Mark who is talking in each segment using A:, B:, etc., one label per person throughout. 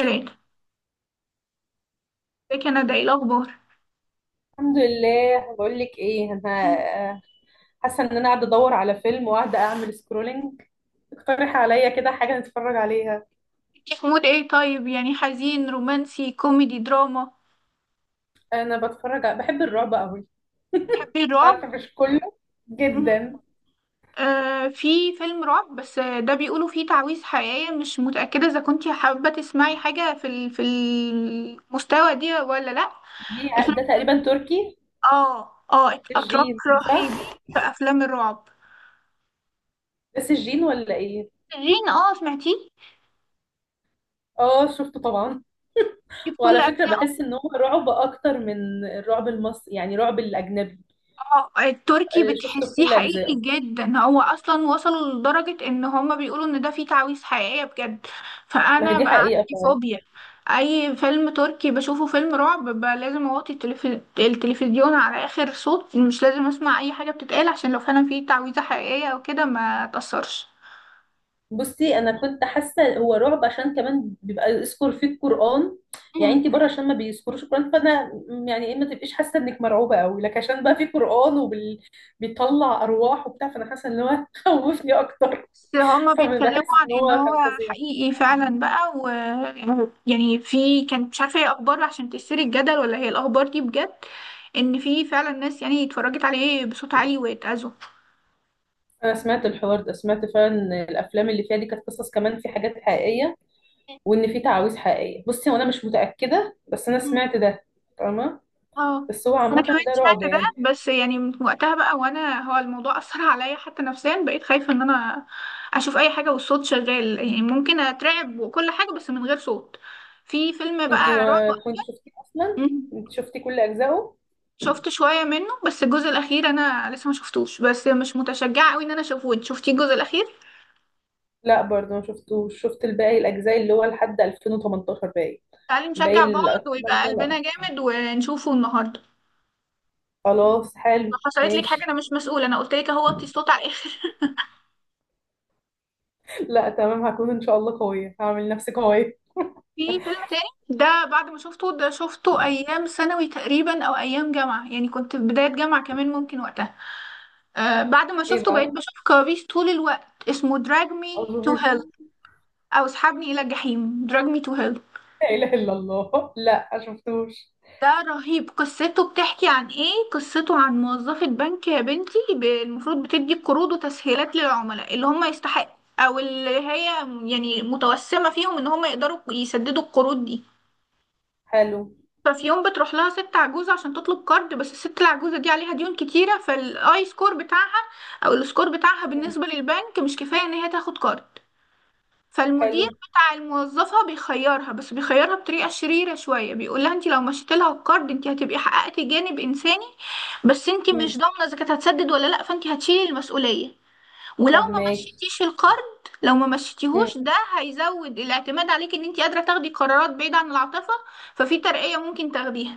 A: ثلاثة. ازيك يا ندى، ايه الأخبار؟
B: الحمد لله. بقول لك ايه،
A: مم.
B: انا حاسه ان انا قاعده ادور على فيلم وقاعده اعمل سكرولنج. اقترح عليا كده حاجه نتفرج عليها.
A: انتي في مود ايه، طيب؟ يعني حزين، رومانسي، كوميدي، دراما؟
B: انا بحب الرعب قوي.
A: تحبي
B: عارفه،
A: الرعب؟
B: مش كله
A: مم.
B: جدا.
A: آه، في فيلم رعب بس، ده بيقولوا فيه تعويذ حقيقية. مش متأكدة إذا كنتي حابة تسمعي حاجة في المستوى دي ولا لأ.
B: دي
A: الفيلم.
B: ده تقريبا تركي،
A: اه، اه، أتراك
B: الجين، صح؟
A: رهيبين في أفلام الرعب.
B: بس الجين ولا ايه؟
A: جين، سمعتيه؟
B: اه، شفته طبعا.
A: دي بكل
B: وعلى فكره
A: أجزاء.
B: بحس ان هو رعب اكتر من الرعب المصري، يعني رعب الاجنبي.
A: اه، التركي
B: آه، شفته
A: بتحسيه
B: كل
A: حقيقي
B: اجزائه.
A: جدا، هو اصلا وصلوا لدرجة ان هما بيقولوا ان ده فيه تعويذ حقيقية بجد.
B: ما هي
A: فانا
B: دي
A: بقى
B: حقيقه.
A: عندي فوبيا. اي فيلم تركي بشوفه فيلم رعب بقى، لازم اوطي التلفزيون على اخر صوت، مش لازم اسمع اي حاجة بتتقال عشان لو فعلا فيه تعويذة حقيقية او كده ما تأثرش.
B: بصي، انا كنت حاسه هو رعب عشان كمان بيبقى يذكر فيه القران. يعني
A: مم.
B: انت بره عشان ما بيذكروش القران، فانا يعني ايه، ما تبقيش حاسه انك مرعوبه قوي لك، عشان بقى فيه قران وبيطلع ارواح وبتاع. فانا حاسه ان هو خوفني اكتر.
A: بس هما
B: فبحس
A: بيتكلموا عن
B: ان
A: ان
B: هو
A: هو
B: كان فظيع.
A: حقيقي فعلا بقى، و يعني في كانت مش عارفه هي اخبار عشان تثير الجدل، ولا هي الاخبار دي بجد، ان في فعلا ناس يعني اتفرجت عليه بصوت عالي واتأذوا.
B: انا سمعت الحوار ده، سمعت فعلا إن الافلام اللي فيها دي كانت قصص، كمان في حاجات حقيقيه، وان في تعاويذ حقيقيه. بصي، وانا مش متاكده، بس انا
A: مم.
B: سمعت ده. فاهمه.
A: اه،
B: بس هو عامه
A: انا كمان
B: ده رعب
A: سمعت ده،
B: يعني.
A: بس يعني من وقتها بقى وانا، هو الموضوع اثر عليا حتى نفسيا. بقيت خايفه ان انا اشوف اي حاجه والصوت شغال، يعني ممكن اترعب وكل حاجه، بس من غير صوت. في فيلم
B: انتي
A: بقى
B: ما كنت شفتيه اصلا؟
A: رعب.
B: انت شفتي كل اجزائه.
A: شفت شوية منه، بس الجزء الأخير أنا لسه ما شفتوش، بس مش متشجعة قوي إن أنا أشوفه. أنت شفتيه الجزء الأخير؟
B: لا، برضه ما شفتوش. شفت الباقي الاجزاء، اللي هو لحد 2018 باقي.
A: تعالي
B: باقي
A: نشجع بعض ويبقى
B: الاجزاء لا.
A: قلبنا جامد ونشوفه النهاردة.
B: خلاص،
A: لو
B: حلو،
A: حصلت لك حاجة أنا
B: ماشي.
A: مش مسؤولة، أنا قلت لك أهو، وطي الصوت على الآخر.
B: لا تمام، هكون ان شاء الله قويه، هعمل نفسي قويه.
A: في فيلم تاني، ده بعد ما شفته، ده شفته أيام ثانوي تقريبا أو أيام جامعة، يعني كنت في بداية جامعة كمان ممكن وقتها. آه، بعد ما
B: ايه
A: شفته بقيت
B: بقى؟
A: بشوف كوابيس طول الوقت، اسمه دراج مي
B: اعوذ
A: تو
B: بالله،
A: هيل. أو اسحبني إلى الجحيم، دراج مي تو هيل.
B: لا اله الا الله. لا، ما شفتوش.
A: ده رهيب. قصته بتحكي عن ايه؟ قصته عن موظفة بنك يا بنتي، المفروض بتدي قروض وتسهيلات للعملاء اللي هم يستحق او اللي هي يعني متوسمة فيهم ان هم يقدروا يسددوا القروض دي.
B: حلو.
A: ففي يوم بتروح لها ست عجوزة عشان تطلب كارد، بس الست العجوزة دي عليها ديون كتيرة، فالاي سكور بتاعها او السكور بتاعها
B: مم.
A: بالنسبة للبنك مش كفاية ان هي تاخد كارد. فالمدير
B: حلو.
A: بتاع الموظفة بيخيرها، بس بيخيرها بطريقة شريرة شوية، بيقول لها انت لو مشيت لها الكارد انت هتبقي حققتي جانب انساني. بس انت مش
B: مم.
A: ضامنة اذا كانت هتسدد ولا لا، فانت هتشيلي المسؤولية. ولو ما
B: فهماكي.
A: مشيتيش الكارد، لو ما
B: مم.
A: مشيتيهوش ده هيزود الاعتماد عليك ان انت قادرة تاخدي قرارات بعيدة عن العاطفة. ففي ترقية ممكن تاخديها.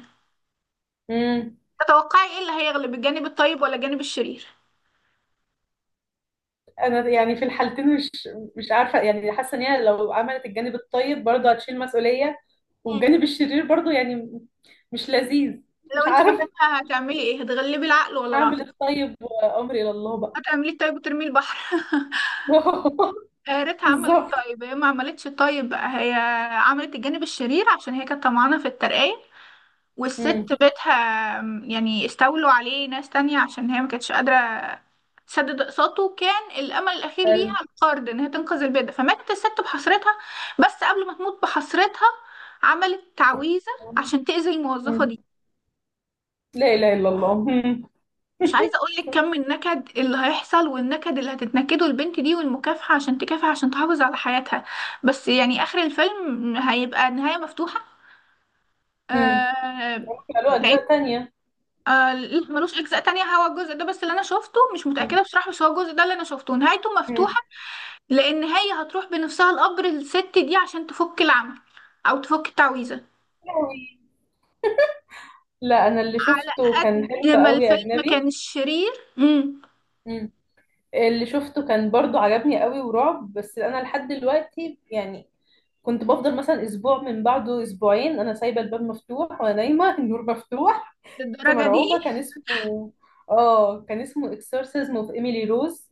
B: مم.
A: تتوقعي ايه اللي هيغلب، الجانب الطيب ولا الجانب الشرير؟
B: انا يعني في الحالتين مش عارفه. يعني حاسه ان هي لو عملت الجانب الطيب برضه هتشيل مسؤوليه،
A: مم.
B: والجانب الشرير برضو يعني مش لذيذ.
A: لو
B: مش
A: انت
B: عارف.
A: مكانها هتعملي ايه، هتغلبي العقل ولا
B: هعمل ايه؟
A: العاطفة؟
B: طيب، وامري الى الله بقى.
A: هتعملي الطيب وترمي البحر؟ آه، ريتا عملت
B: بالظبط.
A: طيب. هي ما عملتش طيب بقى، هي عملت الجانب الشرير عشان هي كانت طمعانة في الترقية.
B: امم.
A: والست بيتها، يعني استولوا عليه ناس تانية عشان هي ما كانتش قادرة تسدد اقساطه، وكان الامل الاخير ليها
B: حلو.
A: القرض ان هي تنقذ البيت ده. فماتت الست بحسرتها. بس قبل ما تموت بحسرتها، عملت تعويذة عشان تأذي الموظفة
B: أمم.
A: دي.
B: لا اله الا الله. أمم.
A: مش عايزه اقول لك كم النكد اللي هيحصل، والنكد اللي هتتنكده البنت دي، والمكافحه، عشان تكافح عشان تحافظ على حياتها. بس يعني اخر الفيلم هيبقى نهايه مفتوحه.
B: أمم.
A: آه
B: ممكن له
A: لان
B: اجزاء تانية.
A: آه لا، ملوش اجزاء تانية. هو الجزء ده بس اللي انا شفته، مش
B: أمم.
A: متاكده بصراحه، بس هو الجزء ده اللي انا شفته نهايته
B: أمم.
A: مفتوحه. لان هي هتروح بنفسها القبر الست دي عشان تفك العمل، او تفك التعويذه.
B: لا، انا اللي شفته كان
A: قد
B: حلو
A: ما
B: قوي،
A: الفيلم
B: اجنبي.
A: كان شرير، امم.
B: أمم. اللي شفته كان برضو عجبني قوي ورعب، بس انا لحد دلوقتي يعني كنت بفضل مثلا اسبوع من بعده، اسبوعين، انا سايبه الباب مفتوح وانا نايمه، النور مفتوح. كنت
A: للدرجه دي؟
B: مرعوبه. كان اسمه اكسورسيزم اوف ايميلي روز.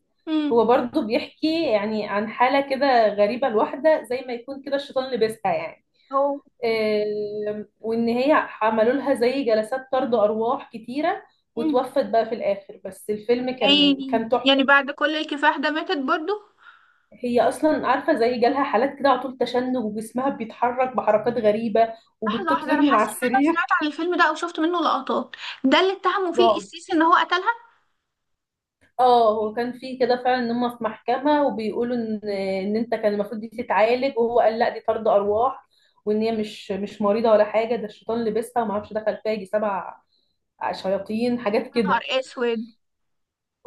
B: هو
A: امم.
B: برضو بيحكي يعني عن حاله كده غريبه لواحده، زي ما يكون كده الشيطان لابسها يعني.
A: هو.
B: وان هي عملوا لها زي جلسات طرد ارواح كتيره،
A: مم.
B: وتوفت بقى في الاخر. بس الفيلم كان
A: يعني
B: كان
A: يعني
B: تحفه.
A: بعد كل الكفاح ده ماتت برضو؟
B: هي اصلا عارفه زي جالها حالات كده على طول، تشنج وجسمها بيتحرك بحركات غريبه
A: لحظة واحدة، أنا
B: وبتطير من على
A: حاسة إن أنا سمعت
B: السرير.
A: عن الفيلم ده أو شفت منه لقطات. ده اللي اتهموا فيه
B: رعب.
A: القسيس إن هو قتلها؟
B: اه، هو كان في كده فعلا، ان هم في محكمه وبيقولوا ان انت كان المفروض دي تتعالج، وهو قال لا، دي طرد ارواح، وان هي مش مريضه ولا حاجه، ده الشيطان لبسها، وما اعرفش دخل فيها يجي سبع شياطين، حاجات
A: يا
B: كده.
A: نهار أسود!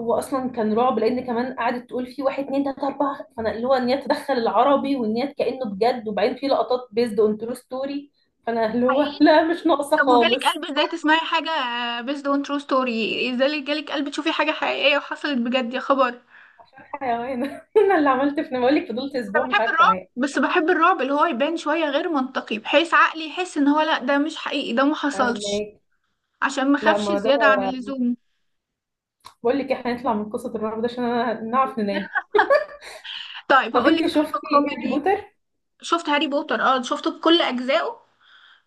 B: هو اصلا كان رعب لان كمان قعدت تقول في واحد، اتنين، تلاته، اربعه. فانا اللي هو ان هي تدخل العربي، وان هي كانه بجد، وبعدين في لقطات بيزد اون ترو ستوري. فانا اللي هو
A: حقيقي؟
B: لا، مش ناقصه
A: طب وجالك
B: خالص.
A: قلب إزاي تسمعي حاجة based on true story؟ إزاي جالك قلب تشوفي حاجة حقيقية وحصلت بجد، يا خبر!
B: عشان حيوانه. انا اللي عملت في، بقول لك فضلت
A: أنا
B: اسبوع مش
A: بحب
B: عارفه
A: الرعب،
B: انام.
A: بس بحب الرعب اللي هو يبان شوية غير منطقي، بحيث عقلي يحس إن هو لأ، ده مش حقيقي، ده محصلش.
B: فاهمك.
A: عشان
B: لا
A: مخافش
B: ما ده
A: زيادة عن
B: بقى-
A: اللزوم.
B: بقول لك احنا هنطلع من قصه الرعب ده عشان انا نعرف ننام.
A: طيب
B: طب
A: هقول لك
B: انت
A: فيلم
B: شفتي هاري
A: كوميدي.
B: بوتر؟
A: شفت هاري بوتر، اه، شفته بكل اجزائه.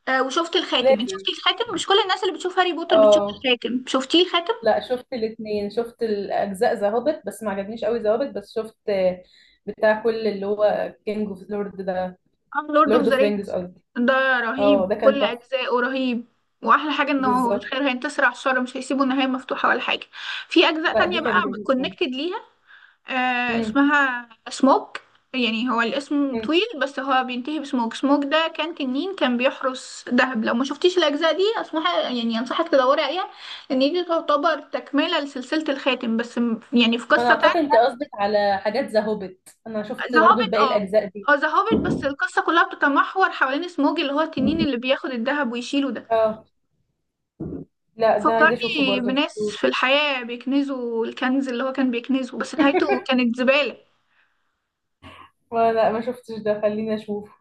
A: آه، وشفت الخاتم. انت
B: لازم.
A: شفتي الخاتم؟ مش كل الناس اللي بتشوف هاري بوتر بتشوف
B: اه.
A: الخاتم. شفتيه الخاتم؟
B: لا، شفت الاثنين. شفت الاجزاء ذا هوبت، بس ما عجبنيش قوي ذا هوبت. بس شفت بتاع كل اللي هو كينج اوف لورد ده،
A: اه، لورد اوف
B: لورد
A: ذا
B: اوف رينجز
A: رينجز.
B: قصدي.
A: ده
B: اه،
A: رهيب،
B: ده كان
A: كل
B: تحفه.
A: اجزائه رهيب. واحلى حاجه انه
B: بالظبط.
A: الخير هينتصر على الشر، مش هيسيبوا النهايه مفتوحه ولا حاجه. في اجزاء
B: لا
A: تانية
B: دي كان
A: بقى
B: جميل قوي.
A: كونكتد ليها. آه،
B: امم.
A: اسمها سموك. يعني هو الاسم
B: أمم.
A: طويل، بس هو بينتهي بسموك. سموك ده كان تنين، كان بيحرس دهب. لو ما شفتيش الاجزاء دي، اسمها يعني، انصحك تدوري عليها. ان دي تعتبر تكمله لسلسله الخاتم، بس يعني في
B: ما انا
A: قصه.
B: اعتقد انت قصدك على حاجات ذا هوبيت، انا شفت
A: ذا
B: برضو
A: هوبيت،
B: الباقي
A: اه.
B: الاجزاء دي.
A: اه، ذا هوبيت، بس القصة كلها بتتمحور حوالين سموج اللي هو التنين اللي بياخد الذهب ويشيله ده.
B: اه، لا، ده عايزه اشوفه
A: فكرني
B: برضو، ما
A: بناس
B: شفتوش.
A: في الحياة بيكنزوا الكنز اللي هو كان بيكنزه، بس نهايته كانت زبالة.
B: ما لا ما شفتش ده، خليني اشوفه.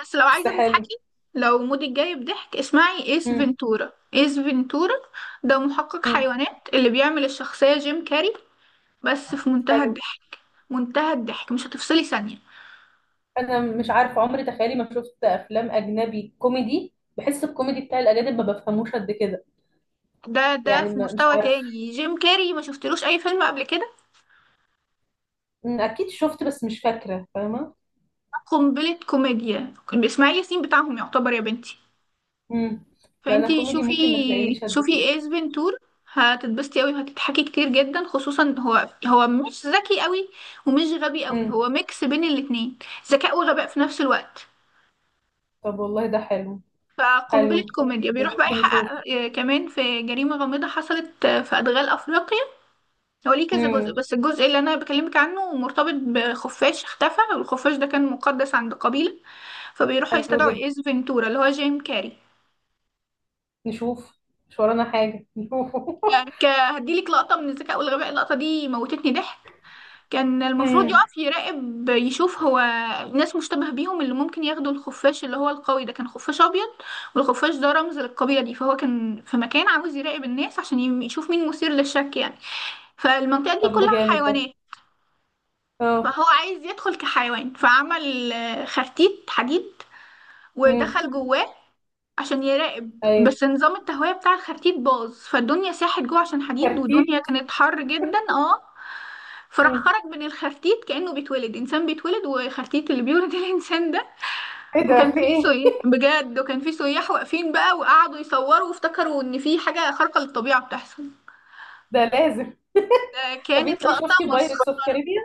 A: بس لو
B: بس
A: عايزة
B: حلو.
A: تضحكي، لو مودك جاي بضحك، اسمعي ايس
B: امم.
A: فينتورا، ايس فينتورا. ده محقق
B: أمم.
A: حيوانات، اللي بيعمل الشخصية جيم كاري. بس في منتهى
B: حلو.
A: الضحك. منتهى الضحك، مش هتفصلي ثانية.
B: انا مش عارفه عمري، تخيلي ما شفت افلام اجنبي كوميدي. بحس الكوميدي بتاع الاجانب ما بفهموش قد كده.
A: ده
B: يعني
A: في
B: ما مش
A: مستوى
B: عارفه.
A: تاني، جيم كاري ما شفتلوش اي فيلم قبل كده.
B: أمم، اكيد شفت بس مش فاكره. فاهمه.
A: قنبلة كوميديا، اسماعيل ياسين بتاعهم يعتبر يا بنتي.
B: امم. لا انا
A: فانتي
B: كوميدي
A: شوفي.
B: ممكن ما تلاقينيش قد
A: شوفي
B: كده.
A: ايس فنتور. هتتبسطي قوي وهتضحكي كتير جدا، خصوصا هو مش ذكي قوي، ومش غبي قوي،
B: امم.
A: هو ميكس بين الاتنين. ذكاء وغباء في نفس الوقت.
B: طب والله ده حلو.
A: فقنبلة
B: حلو حلو
A: كوميديا،
B: جدا،
A: بيروح بقى
B: ممكن نشوف.
A: يحقق كمان في جريمة غامضة حصلت في أدغال أفريقيا. هو ليه كذا جزء،
B: امم.
A: بس الجزء اللي أنا بكلمك عنه مرتبط بخفاش اختفى، والخفاش ده كان مقدس عند قبيلة. فبيروحوا
B: حلو
A: يستدعوا
B: جدا،
A: إيس فنتورا اللي هو جيم كاري.
B: نشوف. مش ورانا حاجة، نشوفه.
A: يعني هديلك لقطة من الذكاء والغباء. اللقطة دي موتتني ضحك. كان المفروض
B: امم.
A: يقف يراقب، يشوف هو ناس مشتبه بيهم اللي ممكن ياخدوا الخفاش، اللي هو القوي. ده كان خفاش أبيض، والخفاش ده رمز للقبيلة دي، فهو كان في مكان عاوز يراقب الناس عشان يشوف مين مثير للشك يعني. فالمنطقة دي
B: طب ده
A: كلها
B: جامد ده.
A: حيوانات.
B: اه.
A: فهو عايز يدخل كحيوان، فعمل خرتيت حديد
B: امم.
A: ودخل جواه عشان يراقب.
B: ايوه،
A: بس نظام التهوية بتاع الخرتيت باظ، فالدنيا ساحت جوه عشان حديد،
B: كارتيب.
A: والدنيا كانت حر جدا، اه. فراح
B: امم.
A: خرج من الخفتيت، كأنه بيتولد إنسان بيتولد وخفتيت اللي بيولد الإنسان ده.
B: ايه
A: وكان
B: ده، في
A: في
B: ايه؟
A: سياح بجد، وكان في سياح واقفين بقى، وقعدوا يصوروا وافتكروا إن في حاجة خارقة للطبيعة بتحصل.
B: ده لازم.
A: ده
B: طب
A: كانت
B: انت
A: لقطة
B: شفتي
A: مسخرة.
B: بايرتس اوف كاريبيان؟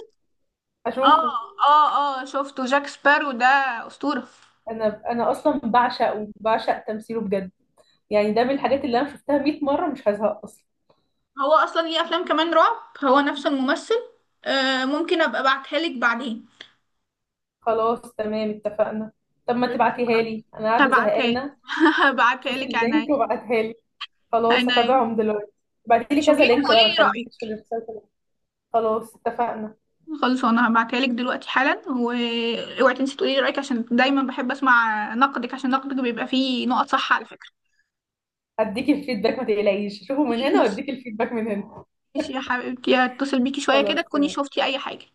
A: اه.
B: اشوفه.
A: اه، اه، شفته جاك سبارو ده. أسطورة.
B: انا اصلا بعشقه، بعشق تمثيله بجد. يعني ده من الحاجات اللي انا شفتها 100 مرة مش هزهق اصلا.
A: هو أصلا ليه أفلام كمان رعب، هو نفس الممثل. آه، ممكن أبقى أبعتها لك بعدين.
B: خلاص تمام، اتفقنا. طب ما تبعتيها لي، انا قاعدة
A: هبعتها لك
B: زهقانة.
A: هبعتها
B: شوفي
A: لك،
B: اللينك
A: عيني.
B: وابعتها لي. خلاص،
A: عيني.
B: هتابعهم دلوقتي. بعتي لي كذا
A: شوفيهم
B: لينك
A: وقولي
B: بقى، ما
A: لي رأيك.
B: تخليكيش في الارسال كله. خلاص اتفقنا.
A: خلاص، انا هبعتها لك دلوقتي حالا، واوعي تنسي تقولي لي رايك، عشان دايما بحب اسمع نقدك، عشان نقدك بيبقى فيه نقط صح على فكره.
B: هديكي الفيدباك ما تقلقيش، شوفوا من هنا
A: ماشي.
B: واديكي الفيدباك من هنا.
A: ماشي يا حبيبتي، هتصل بيكي شويه
B: خلاص
A: كده تكوني
B: تمام.
A: شفتي اي حاجه.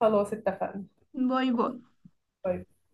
B: خلاص اتفقنا.
A: باي باي.
B: باي.